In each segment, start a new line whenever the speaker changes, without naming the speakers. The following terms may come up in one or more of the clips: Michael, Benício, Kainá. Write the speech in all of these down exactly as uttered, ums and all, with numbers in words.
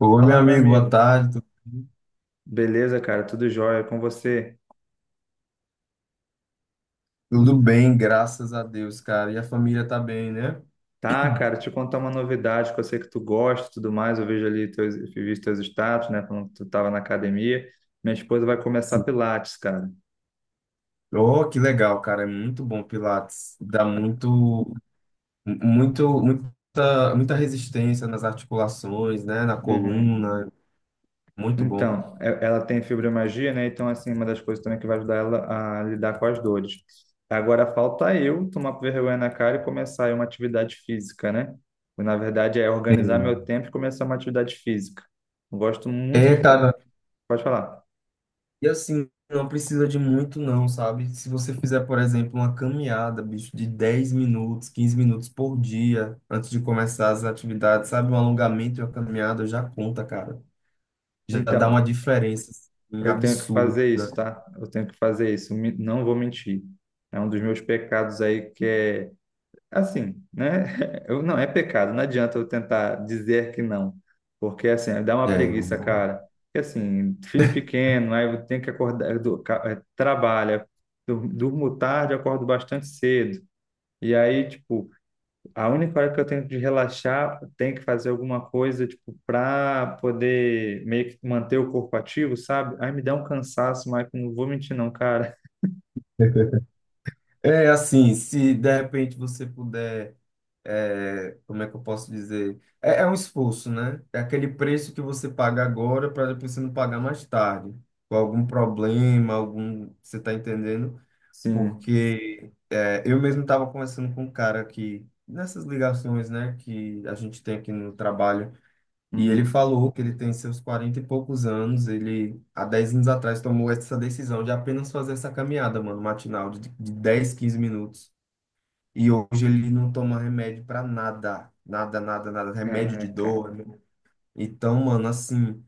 Oi, meu
Fala, meu
amigo, boa
amigo.
tarde. Tu-
Beleza, cara? Tudo jóia com você?
Tudo bem, graças a Deus, cara. E a família tá bem, né?
Tá, cara, te contar uma novidade que eu sei que tu gosta e tudo mais. Eu vejo ali teus, eu vi teus status, né? Quando tu tava na academia. Minha esposa vai começar
Sim.
Pilates, cara.
Oh, que legal, cara. É muito bom Pilates. Dá muito, muito, muita, muita resistência nas articulações, né? Na
Uhum.
coluna. Muito bom.
Então, e- ela tem fibromialgia, né? Então, assim, uma das coisas também que vai ajudar ela a lidar com as dores. Agora falta eu tomar vergonha na cara e começar aí uma atividade física, né? Na verdade, é organizar meu
Sim.
tempo e começar uma atividade física. Eu gosto muito
É,
de... fa-
cara.
Pode falar.
E assim, não precisa de muito, não, sabe? Se você fizer, por exemplo, uma caminhada, bicho, de dez minutos, quinze minutos por dia, antes de começar as atividades, sabe? Um alongamento e uma caminhada já conta, cara. Já dá uma
Então,
diferença assim,
eu tenho que fazer isso,
absurda.
tá? Eu tenho que fazer isso. Me- Não vou mentir. É um dos meus pecados aí que é assim, né? Eu, não, é pecado. Não adianta eu tentar dizer que não, porque assim, dá uma preguiça, cara. Porque assim, filho pequeno, aí eu tenho que acordar, eu dou- ca- eh, trabalha, dur- durmo tarde, acordo bastante cedo. E aí, tipo, a única hora que eu tenho de relaxar, eu tenho que fazer alguma coisa, tipo, para poder meio que manter o corpo ativo, sabe? Ai, me dá um cansaço, Michael, não vou mentir não, cara.
É, é assim, se de repente você puder, é, como é que eu posso dizer? É, é um esforço, né? É aquele preço que você paga agora para depois você não pagar mais tarde, com algum problema, algum, você está entendendo?
Sim.
Porque é, eu mesmo estava conversando com um cara que nessas ligações, né, que a gente tem aqui no trabalho. E ele
Uhum.
falou que ele tem seus quarenta e poucos anos. Ele, há dez anos atrás, tomou essa decisão de apenas fazer essa caminhada, mano, matinal, de, de dez, quinze minutos. E hoje ele não toma remédio pra nada. Nada, nada, nada. Remédio de
Caraca.
dor. Né? Então, mano, assim.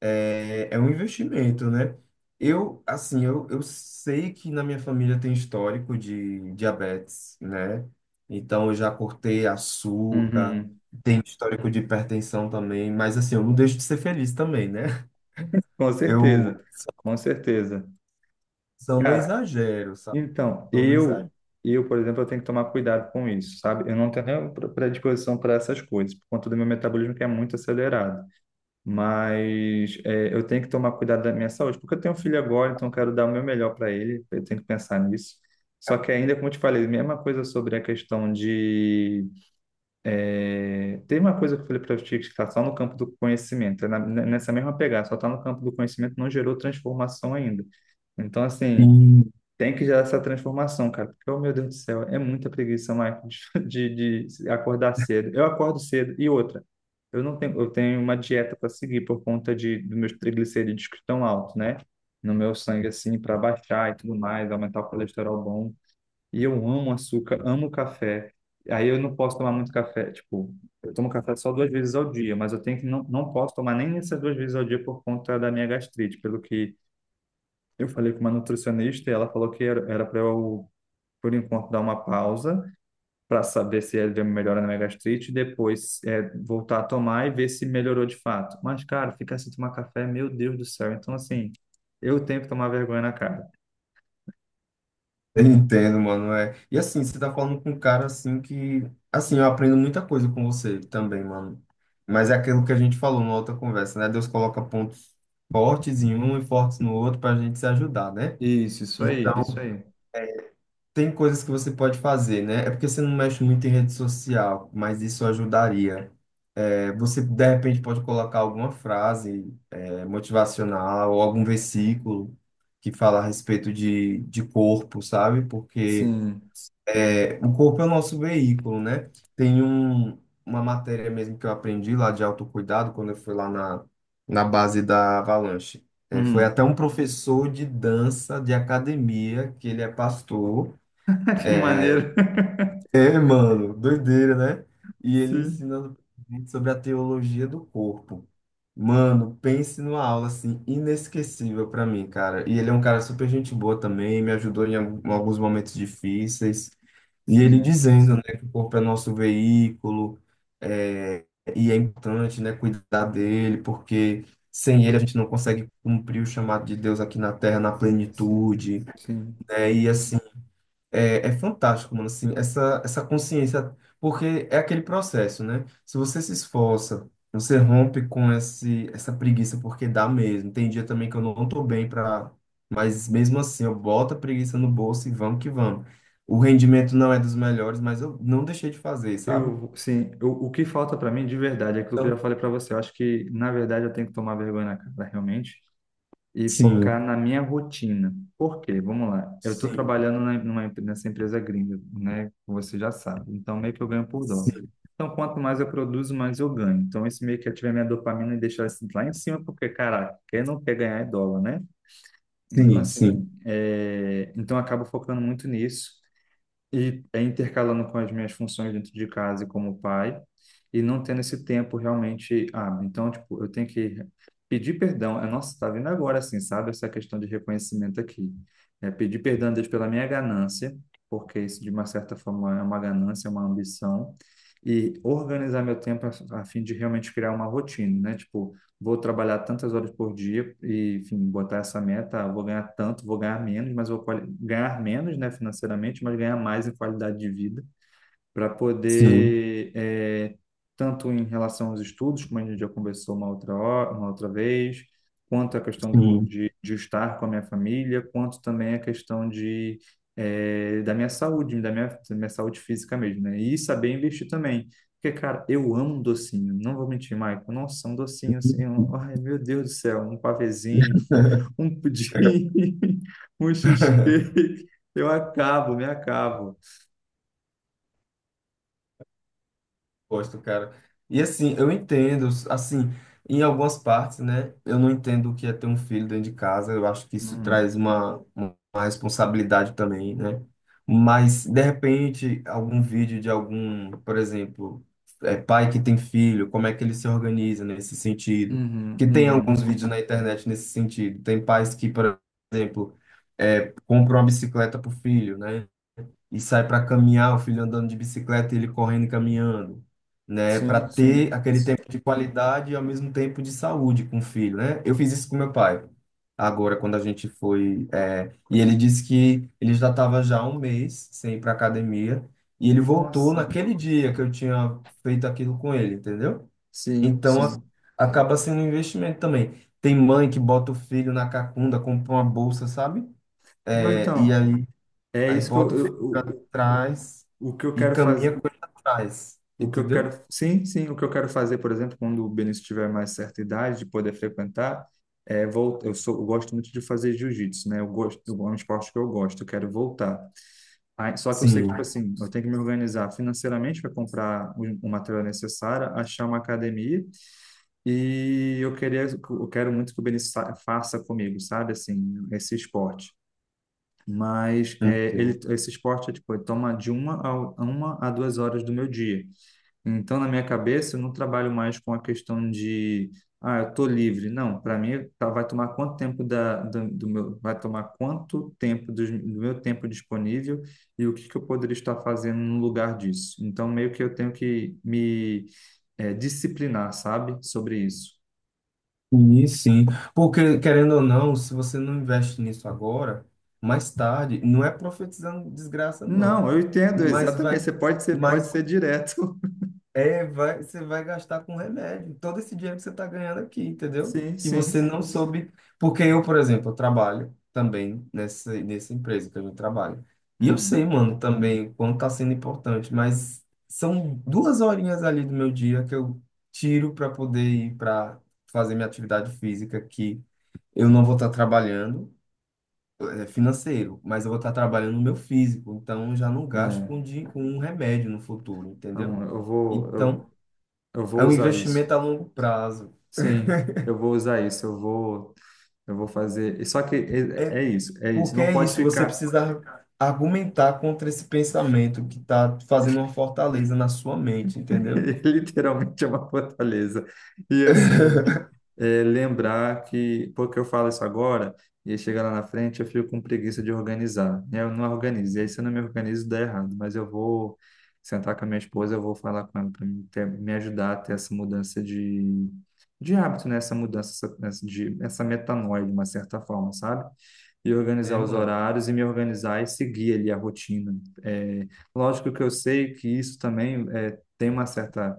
É, é um investimento, né? Eu, assim, eu, eu sei que na minha família tem histórico de diabetes, né? Então, eu já cortei açúcar,
Uhum.
tem histórico de hipertensão também, mas assim, eu não deixo de ser feliz também, né?
Com
Eu
certeza. Com certeza.
só não
Cara,
exagero, sabe?
então,
Só não
eu,
exagero.
eu, por exemplo, eu tenho que tomar cuidado com isso, sabe? Eu não tenho nem predisposição para essas coisas, por conta do meu metabolismo que é muito acelerado. mas é, eu tenho que tomar cuidado da minha saúde, porque eu tenho um filho agora, então eu quero dar o meu melhor para ele, eu tenho que pensar nisso. Só que ainda, como eu te falei, mesma coisa sobre a questão de... é, Tem uma coisa que eu falei para ti que está só no campo do conhecimento, é na- nessa mesma pegada, só está no campo do conhecimento, não gerou transformação ainda. Então, assim, tem que gerar essa transformação, cara. Porque, oh, meu Deus do céu, é muita preguiça, Michael, de, de acordar cedo. Eu acordo cedo. E outra, eu não tenho, eu tenho uma dieta para seguir por conta de, dos meus triglicerídeos que estão altos, né? No meu sangue, assim, para baixar e tudo mais, aumentar o colesterol bom. E eu amo açúcar, amo café. Aí eu não posso tomar muito café. Tipo, eu tomo café só duas vezes ao dia, mas eu tenho que não, não posso tomar nem essas duas vezes ao dia por conta da minha gastrite, pelo que eu falei com uma nutricionista e ela falou que era para eu, por enquanto, dar uma pausa para saber se ele deu uma melhora na minha gastrite e depois é, voltar a tomar e ver se melhorou de fato. Mas, cara, ficar sem tomar café, meu Deus do céu. Então, assim, eu tenho que tomar vergonha na cara.
Entendo, mano, é. E assim, você tá falando com um cara assim que, assim, eu aprendo muita coisa com você também, mano. Mas é aquilo que a gente falou na outra conversa, né? Deus coloca pontos fortes em um e fortes no outro pra gente se ajudar, né?
Isso, isso
Então,
aí, isso aí.
tem coisas que você pode fazer, né? É porque você não mexe muito em rede social, mas isso ajudaria. É, você, de repente, pode colocar alguma frase, é, motivacional ou algum versículo que fala a respeito de, de corpo, sabe? Porque
Sim.
é, o corpo é o nosso veículo, né? Tem um, uma matéria mesmo que eu aprendi lá de autocuidado quando eu fui lá na, na base da Avalanche. É, foi até
Uhum.
um professor de dança de academia, que ele é pastor.
Que maneiro.
É, mano, doideira, né? E ele
Sim,
ensina sobre a teologia do corpo. Mano, pense numa aula assim inesquecível pra mim, cara. E ele é um cara super gente boa também, me ajudou em al- em alguns momentos difíceis. E ele
sim,
dizendo, né, que o corpo é nosso veículo, é, e é importante, né, cuidar dele, porque sem ele a gente não consegue cumprir o chamado de Deus aqui na Terra na
sim, sim,
plenitude,
sim.
né? E assim, é, é fantástico, mano, assim, essa, essa, consciência, porque é aquele processo, né? Se você se esforça, você rompe com esse, essa preguiça, porque dá mesmo. Tem dia também que eu não tô bem para, mas mesmo assim, eu boto a preguiça no bolso e vamos que vamos. O rendimento não é dos melhores, mas eu não deixei de fazer, sabe?
Eu, sim, eu- o que falta para mim de verdade é aquilo que eu já
Então,
falei para você. Eu acho que, na verdade, eu tenho que tomar vergonha na cara, realmente, e
sim,
focar na minha rotina. Por quê? Vamos lá. Eu estou
sim,
trabalhando na- numa, empre- nessa empresa gringa, né? Como você já sabe. Então, meio que eu ganho por dólar.
sim,
Então, quanto mais eu produzo, mais eu ganho. Então, isso meio que ativa minha dopamina e deixa assim, lá em cima, porque, caraca, quem não quer ganhar é dólar, né? Então,
sim, sim,
assim, é... então eu acabo focando muito nisso e é intercalando com as minhas funções dentro de casa e como pai, e não tendo esse tempo realmente hábil. Então, tipo, eu tenho que pedir perdão. É, nossa, tá vindo agora, assim, sabe? Essa questão de reconhecimento aqui. É pedir perdão a Deus pela minha ganância, porque isso, de uma certa forma, é uma ganância, é uma ambição. E organizar meu tempo a, a fim de realmente criar uma rotina, né? Tipo, vou trabalhar tantas horas por dia e, enfim, botar essa meta, ah, vou ganhar tanto, vou ganhar menos, mas vou ganhar menos, né, financeiramente, mas ganhar mais em qualidade de vida para
sim,
poder, é, tanto em relação aos estudos, como a gente já conversou uma outra hora, uma outra vez, quanto a questão do,
sim.
de, de estar com a minha família, quanto também a questão de, é, da minha saúde, da minha, da minha saúde física mesmo, né? E saber investir também. Porque, cara, eu amo um docinho, não vou mentir, Maicon. Nossa, um docinho assim, um- ai meu Deus do céu, um pavezinho, um pudim, um cheesecake, eu acabo, me acabo.
Gosto, cara. E assim, eu entendo, assim, em algumas partes, né? Eu não entendo o que é ter um filho dentro de casa. Eu acho que isso
Hum.
traz uma, uma responsabilidade também, né? Mas, de repente, algum vídeo de algum, por exemplo, é, pai que tem filho, como é que ele se organiza nesse sentido?
Uhum,
Que tem alguns
uhum.
vídeos na internet nesse sentido. Tem pais que, por exemplo, é, compram uma bicicleta pro filho, né? E sai para caminhar, o filho andando de bicicleta e ele correndo e caminhando, né? Para
Sim, sim.
ter aquele tempo de qualidade e ao mesmo tempo de saúde com o filho, né? Eu fiz isso com meu pai. Agora, quando a gente foi, é, e ele disse que ele já estava já há um mês sem ir para academia e ele voltou
Nossa,
naquele dia que eu tinha feito aquilo com ele, entendeu?
sim,
Então, a-
sim.
acaba sendo um investimento também. Tem mãe que bota o filho na cacunda, compra uma bolsa, sabe?
Não,
É, e
então,
aí.
é
Aí
isso que eu,
bota o fio
eu-
pra
o, o,
trás
o o que eu
e
quero fazer,
caminha com ele atrás,
o que eu quero,
entendeu?
sim, sim, o que eu quero fazer, por exemplo, quando o Benício tiver mais certa idade de poder frequentar, é vol- eu sou, eu gosto muito de fazer jiu-jitsu, né? Eu gosto, é um esporte que eu gosto, eu quero voltar. Aí, só que eu sei que,
Sim,
tipo assim, eu tenho que me organizar financeiramente para comprar o, o material necessário, achar uma academia. E eu queria, eu quero muito que o Benício sa- faça comigo, sabe, assim, esse esporte. Mas é, ele,
entendo.
esse esporte, é, tipo, ele toma de uma a, uma a duas horas do meu dia. Então, na minha cabeça, eu não trabalho mais com a questão de, ah, eu tô livre. Não, para mim, tá- vai tomar quanto tempo da, do, do meu, vai tomar quanto tempo dos- do, meu tempo disponível e o que que eu poderia estar fazendo no lugar disso. Então, meio que eu tenho que me, é, disciplinar, sabe, sobre isso.
E sim, porque querendo ou não, se você não investe nisso agora, mais tarde, não é profetizando desgraça, não,
Não, eu entendo,
mas
exatamente.
vai,
Você pode ser, pode
mas
ser direto.
é, vai, você vai gastar com remédio. Todo esse dinheiro que você está ganhando aqui, entendeu?
Sim,
Que você
sim.
não soube. Porque eu, por exemplo, eu trabalho também nessa, nessa, empresa que eu trabalho. E eu sei,
Hum,
mano, também o quanto está sendo importante, mas são duas horinhas ali do meu dia que eu tiro para poder ir para fazer minha atividade física, que eu não vou estar trabalhando, é, financeiro, mas eu vou estar trabalhando no meu físico. Então, eu já não gasto
é.
com, di- com um remédio no futuro,
Não,
entendeu?
eu vou, eu,
Então.
eu vou
É um
usar isso.
investimento a longo prazo.
Sim, eu vou usar isso. Eu vou, eu vou fazer. E só que é,
É
é isso, é isso.
porque é
Não pode
isso, você
ficar.
precisa argumentar contra esse pensamento que está fazendo uma fortaleza na sua mente, entendeu?
Literalmente é uma fortaleza. E assim, é, lembrar que, porque eu falo isso agora, e aí chega lá na frente, eu fico com preguiça de organizar. E eu não organizo. E aí, se eu não me organizo, dá errado. Mas eu vou sentar com a minha esposa, eu vou falar com ela para me, ter- me ajudar a ter essa mudança de, de hábito, né? Essa mudança, essa, essa, de, essa metanoia, de uma certa forma, sabe? E
É,
organizar os
mano.
horários e me organizar e seguir ali a rotina. É, lógico que eu sei que isso também é, tem uma certa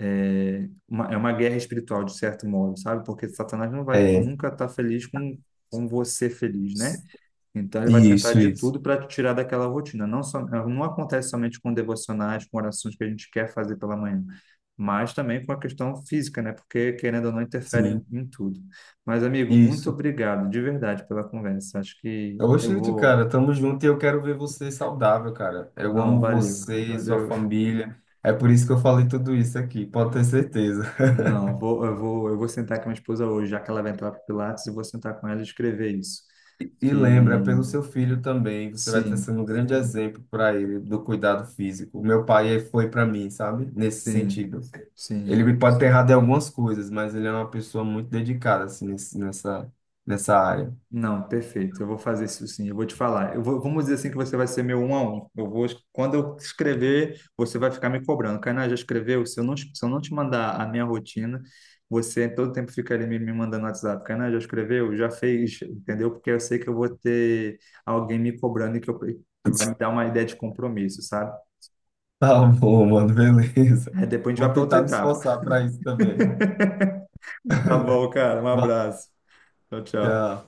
é uma, é uma guerra espiritual, de certo modo, sabe? Porque Satanás não vai
É,
nunca estar tá feliz com, com você feliz, né? Então, ele vai tentar
isso,
de
isso.
tudo para te tirar daquela rotina. Não, só, eh, não acontece somente com devocionais, com orações que a gente quer fazer pela manhã, mas também com a questão física, né? Porque, querendo ou não, interfere
Sim,
em, em tudo. Mas, amigo, muito
isso.
obrigado, de verdade, pela conversa. Acho que eu
Oxente,
vou.
cara, tamo junto e eu quero ver você saudável, cara. Eu
Não,
amo
valeu.
você, sua
Valeu.
família. É por isso que eu falei tudo isso aqui, pode ter certeza.
Não, vou, eu vou, eu vou sentar com a minha esposa hoje, já que ela vai entrar para Pilates, e vou sentar com ela e escrever isso.
E lembra, pelo
Que
seu filho também, você vai estar
sim,
sendo um grande exemplo para ele do cuidado físico. O meu pai ele foi para mim, sabe? Nesse
sim,
sentido. Ele
sim.
me pode ter errado em algumas coisas, mas ele é uma pessoa muito dedicada assim, nesse- nessa, nessa área.
Não, perfeito. Eu vou fazer isso sim. Eu vou te falar. Eu vou, vamos dizer assim que você vai ser meu um a um. Eu vou, quando eu escrever, você vai ficar me cobrando. Kainá, já escreveu? Se eu não, se eu não te mandar a minha rotina, você todo tempo fica ali me, me mandando WhatsApp. Kainá, já escreveu? Já fez? Entendeu? Porque eu sei que eu vou ter alguém me cobrando e que, eu, que vai me dar uma ideia de compromisso, sabe?
Tá bom, mano, beleza.
Aí depois a gente vai
Vou
para outra
tentar me
etapa.
esforçar para isso também.
Tá bom, cara. Um
Vai,
abraço. Tchau, tchau.
tchau.